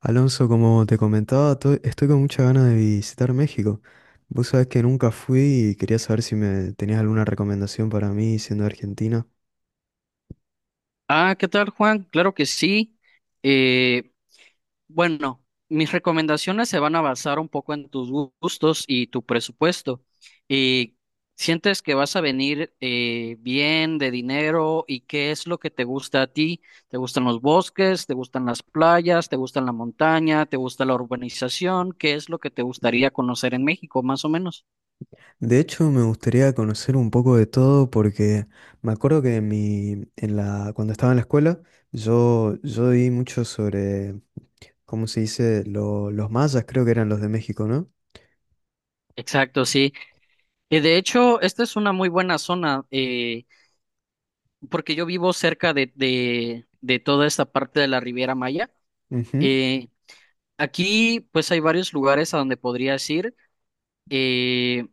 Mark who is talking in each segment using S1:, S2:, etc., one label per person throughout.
S1: Alonso, como te comentaba, estoy con muchas ganas de visitar México. Vos sabés que nunca fui y quería saber si me tenías alguna recomendación para mí siendo de Argentina.
S2: Ah, ¿qué tal, Juan? Claro que sí. Eh, bueno, mis recomendaciones se van a basar un poco en tus gustos y tu presupuesto. Eh, ¿Sientes que vas a venir bien de dinero y qué es lo que te gusta a ti? ¿Te gustan los bosques? ¿Te gustan las playas? ¿Te gustan la montaña? ¿Te gusta la urbanización? ¿Qué es lo que te gustaría conocer en México, más o menos?
S1: De hecho, me gustaría conocer un poco de todo porque me acuerdo que en mi, en la, cuando estaba en la escuela, yo di mucho sobre, ¿cómo se dice? Los mayas, creo que eran los de México, ¿no?
S2: Exacto, sí. Y de hecho, esta es una muy buena zona, porque yo vivo cerca de toda esta parte de la Riviera Maya.
S1: Ujú.
S2: Eh, Aquí, pues, hay varios lugares a donde podrías ir. Eh,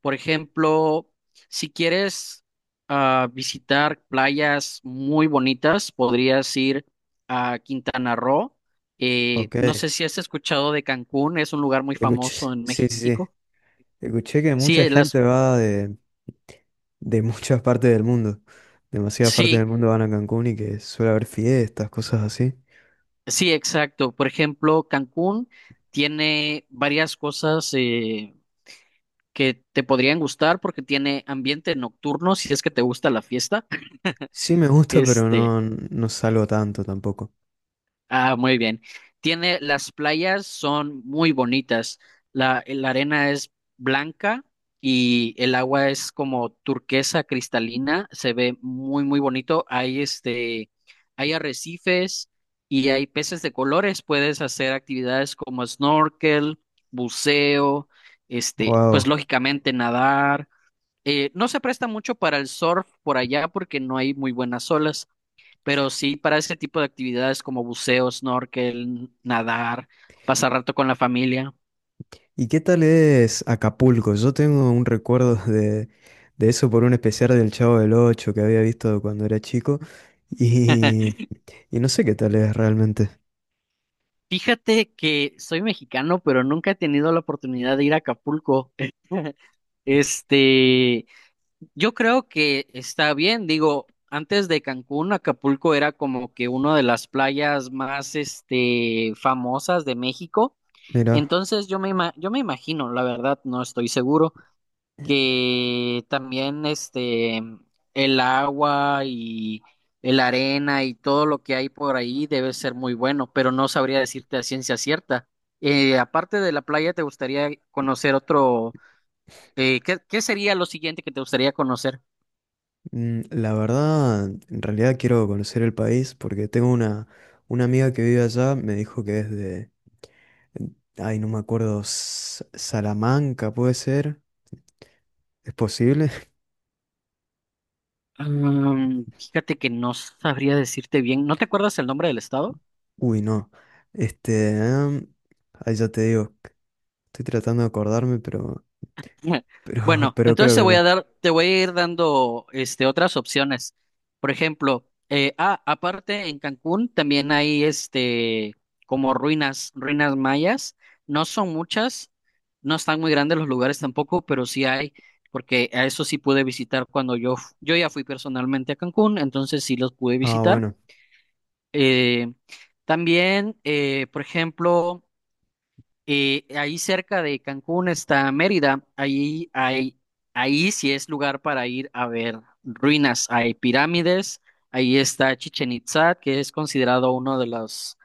S2: por ejemplo, si quieres visitar playas muy bonitas, podrías ir a Quintana Roo.
S1: Ok.
S2: No sé si has escuchado de Cancún, es un lugar muy
S1: Escuché,
S2: famoso en
S1: sí, sí, sí.
S2: México.
S1: Escuché que
S2: Sí,
S1: mucha gente va de muchas partes del mundo. Demasiadas partes
S2: sí,
S1: del mundo van a Cancún y que suele haber fiestas, cosas así.
S2: sí, exacto. Por ejemplo, Cancún tiene varias cosas que te podrían gustar porque tiene ambiente nocturno, si es que te gusta la fiesta.
S1: Sí me gusta, pero
S2: Este,
S1: no, no salgo tanto tampoco.
S2: Muy bien. Las playas son muy bonitas. La arena es blanca y el agua es como turquesa cristalina. Se ve muy, muy bonito. Hay arrecifes y hay peces de colores. Puedes hacer actividades como snorkel, buceo, pues
S1: Wow.
S2: lógicamente nadar. No se presta mucho para el surf por allá porque no hay muy buenas olas, pero sí para ese tipo de actividades como buceo, snorkel, nadar, pasar rato con la familia.
S1: ¿Y qué tal es Acapulco? Yo tengo un recuerdo de eso por un especial del Chavo del Ocho que había visto cuando era chico y, y no sé qué tal es realmente.
S2: Fíjate que soy mexicano, pero nunca he tenido la oportunidad de ir a Acapulco. Este, yo creo que está bien, digo, antes de Cancún, Acapulco era como que una de las playas más, famosas de México.
S1: Mira,
S2: Entonces yo me imagino, la verdad, no estoy seguro que también el agua y el arena y todo lo que hay por ahí debe ser muy bueno, pero no sabría decirte a ciencia cierta. Aparte de la playa, ¿te gustaría conocer otro? ¿Qué sería lo siguiente que te gustaría conocer?
S1: la verdad, en realidad quiero conocer el país porque tengo una amiga que vive allá, me dijo que es de, ay, no me acuerdo, S- Salamanca puede ser, ¿es posible?
S2: Fíjate que no sabría decirte bien. ¿No te acuerdas el nombre del estado?
S1: Uy, no. Este, em, ahí ya te digo, estoy tratando de acordarme, pero... Pero,
S2: Bueno,
S1: pero
S2: entonces
S1: creo que no.
S2: te voy a ir dando otras opciones. Por ejemplo, aparte en Cancún también hay como ruinas, ruinas mayas. No son muchas, no están muy grandes los lugares tampoco, pero sí hay, porque a eso sí pude visitar cuando yo ya fui personalmente a Cancún, entonces sí los pude
S1: Ah,
S2: visitar.
S1: bueno,
S2: Eh, También, por ejemplo. Ahí cerca de Cancún está Mérida. Ahí sí es lugar para ir a ver ruinas. Hay pirámides. Ahí está Chichen Itzá, que es considerado uno de los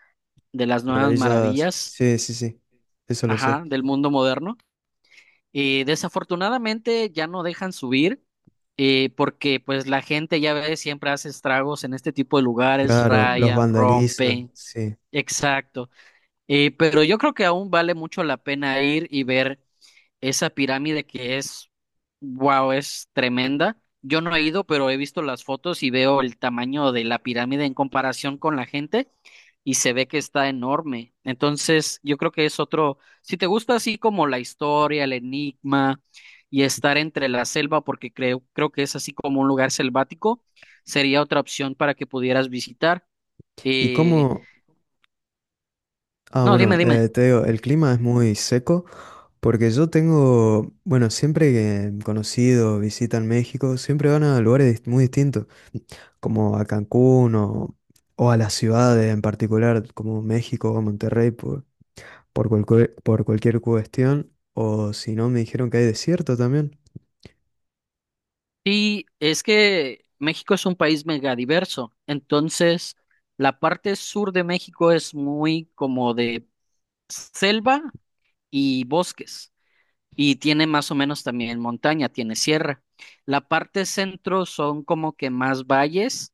S2: de las nuevas
S1: maravillas.
S2: maravillas,
S1: Sí, sí, sí. Eso lo sé.
S2: ajá, del mundo moderno. Desafortunadamente ya no dejan subir porque pues la gente ya ve siempre hace estragos en este tipo de lugares,
S1: Claro, los
S2: rayan,
S1: vandalizan,
S2: rompen.
S1: sí.
S2: Exacto. Pero yo creo que aún vale mucho la pena ir y ver esa pirámide que es, wow, es tremenda. Yo no he ido, pero he visto las fotos y veo el tamaño de la pirámide en comparación con la gente y se ve que está enorme. Entonces, yo creo que es otro, si te gusta así como la historia, el enigma y estar entre la selva, porque creo que es así como un lugar selvático, sería otra opción para que pudieras visitar.
S1: ¿Y
S2: Eh,
S1: cómo? Ah,
S2: no,
S1: bueno,
S2: dime, dime.
S1: te digo, el clima es muy seco porque yo tengo, bueno, siempre que conocidos visitan México, siempre van a lugares muy distintos, como a Cancún o a las ciudades en particular, como México o Monterrey, por cualquier cuestión. O si no, me dijeron que hay desierto también.
S2: Sí, es que México es un país megadiverso, entonces la parte sur de México es muy como de selva y bosques, y tiene más o menos también montaña, tiene sierra. La parte centro son como que más valles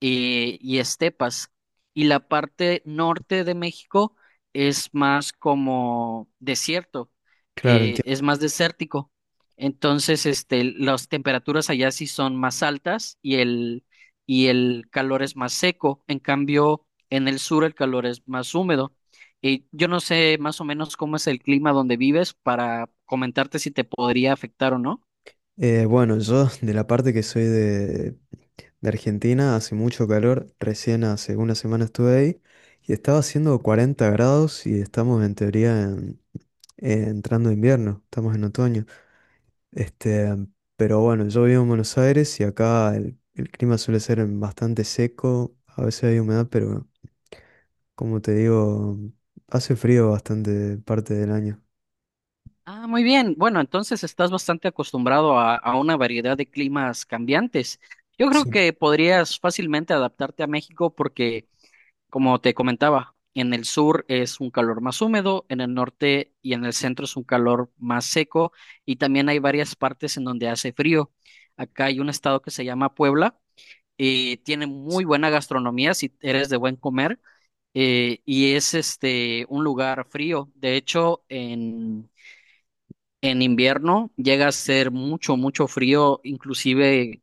S2: y estepas. Y la parte norte de México es más como desierto,
S1: Claro,
S2: es más desértico. Entonces, las temperaturas allá sí son más altas y y el calor es más seco. En cambio, en el sur el calor es más húmedo. Y yo no sé más o menos cómo es el clima donde vives para comentarte si te podría afectar o no.
S1: Bueno, yo de la parte que soy de Argentina, hace mucho calor, recién hace una semana estuve ahí y estaba haciendo 40 grados y estamos en teoría entrando invierno, estamos en otoño. Este, pero bueno, yo vivo en Buenos Aires y acá el clima suele ser bastante seco, a veces hay humedad, pero como te digo, hace frío bastante parte del año.
S2: Ah, muy bien. Bueno, entonces estás bastante acostumbrado a una variedad de climas cambiantes. Yo creo
S1: Sí.
S2: que podrías fácilmente adaptarte a México porque, como te comentaba, en el sur es un calor más húmedo, en el norte y en el centro es un calor más seco y también hay varias partes en donde hace frío. Acá hay un estado que se llama Puebla y tiene muy buena gastronomía si eres de buen comer, y es un lugar frío. De hecho, en invierno llega a ser mucho, mucho frío, inclusive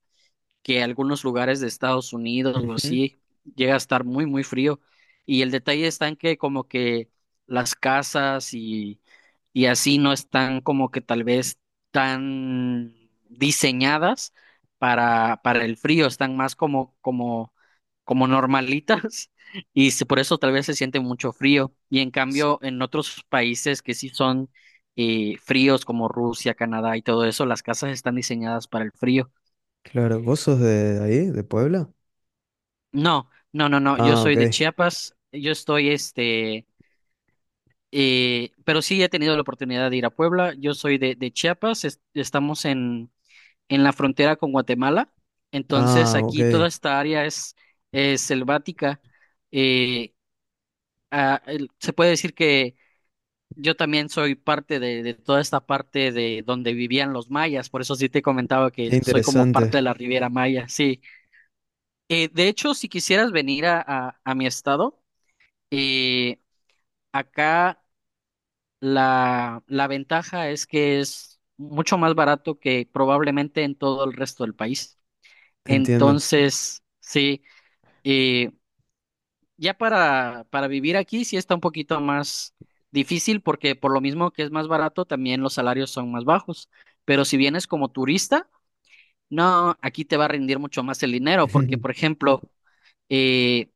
S2: que algunos lugares de Estados Unidos o
S1: Ujú.
S2: así llega a estar muy, muy frío. Y el detalle está en que como que las casas y así no están como que tal vez tan diseñadas para el frío, están más como, como, como normalitas y por eso tal vez se siente mucho frío. Y en
S1: S-
S2: cambio, en otros países que sí son fríos como Rusia, Canadá y todo eso, las casas están diseñadas para el frío.
S1: Claro, ¿vos sos de ahí, de Puebla?
S2: No, no, no, no. Yo
S1: Ah,
S2: soy
S1: ok.
S2: de Chiapas. Pero sí he tenido la oportunidad de ir a Puebla. Yo soy de Chiapas. Estamos en, la frontera con Guatemala. Entonces,
S1: Ah, ok.
S2: aquí toda
S1: Qué
S2: esta área es, selvática. Eh, Se puede decir que yo también soy parte de toda esta parte de donde vivían los mayas. Por eso sí te comentaba que soy como
S1: interesante.
S2: parte de la Riviera Maya. Sí. De hecho, si quisieras venir a mi estado. eh, Acá la ventaja es que es mucho más barato que probablemente en todo el resto del país.
S1: Entiendo.
S2: Entonces, sí, eh, ya para, vivir aquí sí está un poquito más difícil porque por lo mismo que es más barato, también los salarios son más bajos. Pero si vienes como turista, no, aquí te va a rendir mucho más el dinero porque, por ejemplo, eh,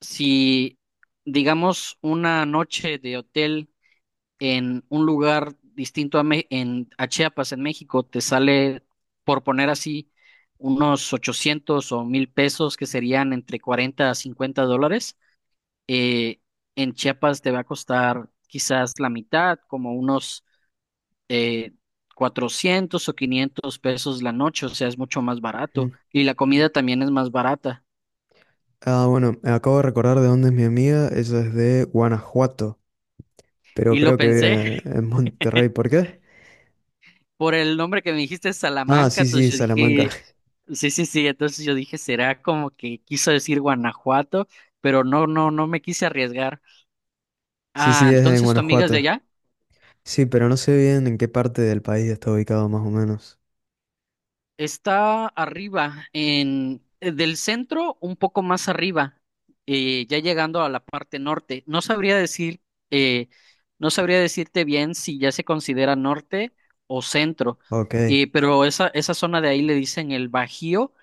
S2: si digamos una noche de hotel en un lugar distinto a Chiapas, en México, te sale, por poner así, unos 800 o 1000 pesos, que serían entre 40 a 50 dólares. Eh, en Chiapas te va a costar quizás la mitad, como unos eh, 400 o 500 pesos la noche, o sea, es mucho más barato. Y la comida también es más barata.
S1: Ah, bueno, me acabo de recordar de dónde es mi amiga. Ella es de Guanajuato, pero
S2: Y lo
S1: creo que
S2: pensé
S1: vive en Monterrey. ¿Por qué?
S2: por el nombre que me dijiste,
S1: Ah,
S2: Salamanca,
S1: sí,
S2: entonces
S1: sí,
S2: yo
S1: Salamanca.
S2: dije. Sí, sí, sí, entonces yo dije, será como que quiso decir Guanajuato, pero no, no, no me quise arriesgar.
S1: Sí,
S2: Ah,
S1: sí, es en
S2: entonces tu amiga es de
S1: Guanajuato.
S2: allá.
S1: Sí, pero no sé bien en qué parte del país está ubicado más o menos.
S2: Está arriba, en del centro, un poco más arriba, ya llegando a la parte norte. Eh, no sabría decirte bien si ya se considera norte o centro,
S1: Ok,
S2: pero esa zona de ahí le dicen el Bajío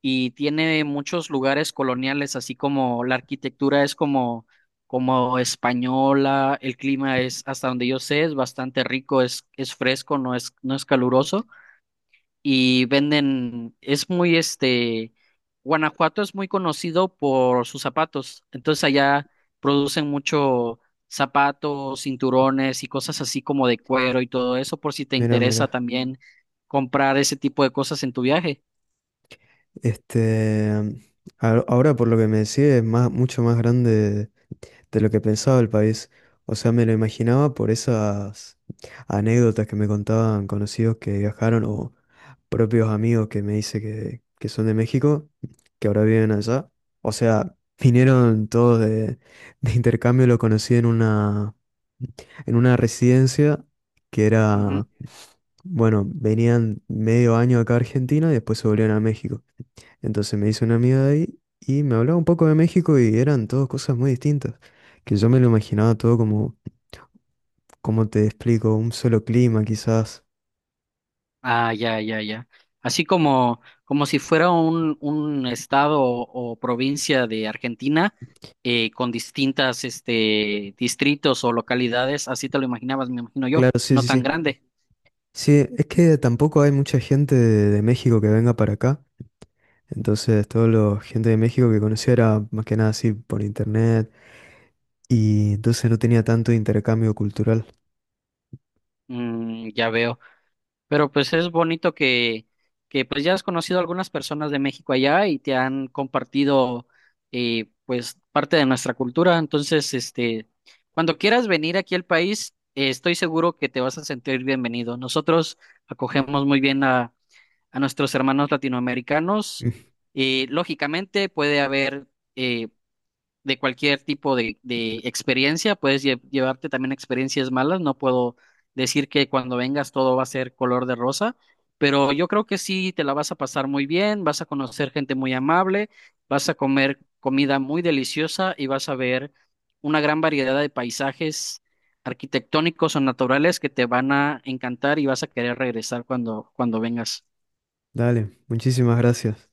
S2: y tiene muchos lugares coloniales, así como la arquitectura es como, como española, el clima es, hasta donde yo sé, es bastante rico, es, fresco, no es, caluroso y venden, es muy este, Guanajuato es muy conocido por sus zapatos, entonces allá producen mucho zapatos, cinturones y cosas así como de cuero y todo eso, por si te
S1: mira,
S2: interesa
S1: mira.
S2: también comprar ese tipo de cosas en tu viaje.
S1: Este, ahora por lo que me decís es más, mucho más grande de lo que pensaba el país. O sea, me lo imaginaba por esas anécdotas que me contaban conocidos que viajaron o propios amigos que me dice que son de México, que ahora viven allá. O sea, vinieron todos de, de intercambio, lo conocí en una residencia que era, bueno, venían medio año acá a Argentina y después se volvían a México. Entonces me hice una amiga de ahí y me hablaba un poco de México y eran todas cosas muy distintas, que yo me lo imaginaba todo como, como te explico, un solo clima quizás.
S2: Ah, ya, ya, ya. Así como si fuera un estado o provincia de Argentina, con distintas distritos o localidades, así te lo imaginabas, me imagino yo,
S1: Claro, sí,
S2: no
S1: sí,
S2: tan
S1: sí.
S2: grande.
S1: Sí, es que tampoco hay mucha gente de México que venga para acá. Entonces, toda la gente de México que conocía era más que nada así por internet y entonces no tenía tanto intercambio cultural.
S2: Ya veo. Pero pues es bonito que pues ya has conocido a algunas personas de México allá y te han compartido, pues parte de nuestra cultura. Entonces, cuando quieras venir aquí al país, estoy seguro que te vas a sentir bienvenido. Nosotros acogemos muy bien a nuestros hermanos latinoamericanos.
S1: Mm,
S2: Lógicamente puede haber eh, de cualquier tipo de experiencia, puedes llevarte también experiencias malas, no puedo decir que cuando vengas todo va a ser color de rosa, pero yo creo que sí te la vas a pasar muy bien, vas a conocer gente muy amable, vas a comer comida muy deliciosa y vas a ver una gran variedad de paisajes arquitectónicos o naturales que te van a encantar y vas a querer regresar cuando vengas.
S1: dale, muchísimas gracias.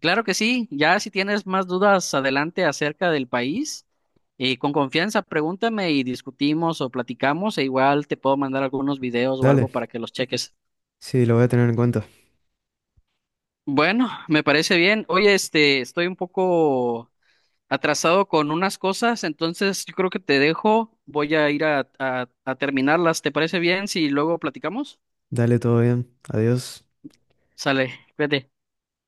S2: Claro que sí, ya si tienes más dudas adelante acerca del país, con confianza pregúntame y discutimos o platicamos e igual te puedo mandar algunos videos o algo
S1: Dale,
S2: para que los cheques.
S1: sí, lo voy a tener en cuenta.
S2: Bueno, me parece bien. Oye, estoy un poco atrasado con unas cosas, entonces yo creo que te dejo. Voy a ir a terminarlas. ¿Te parece bien si luego platicamos?
S1: Dale, todo bien. Adiós.
S2: Sale, cuídate.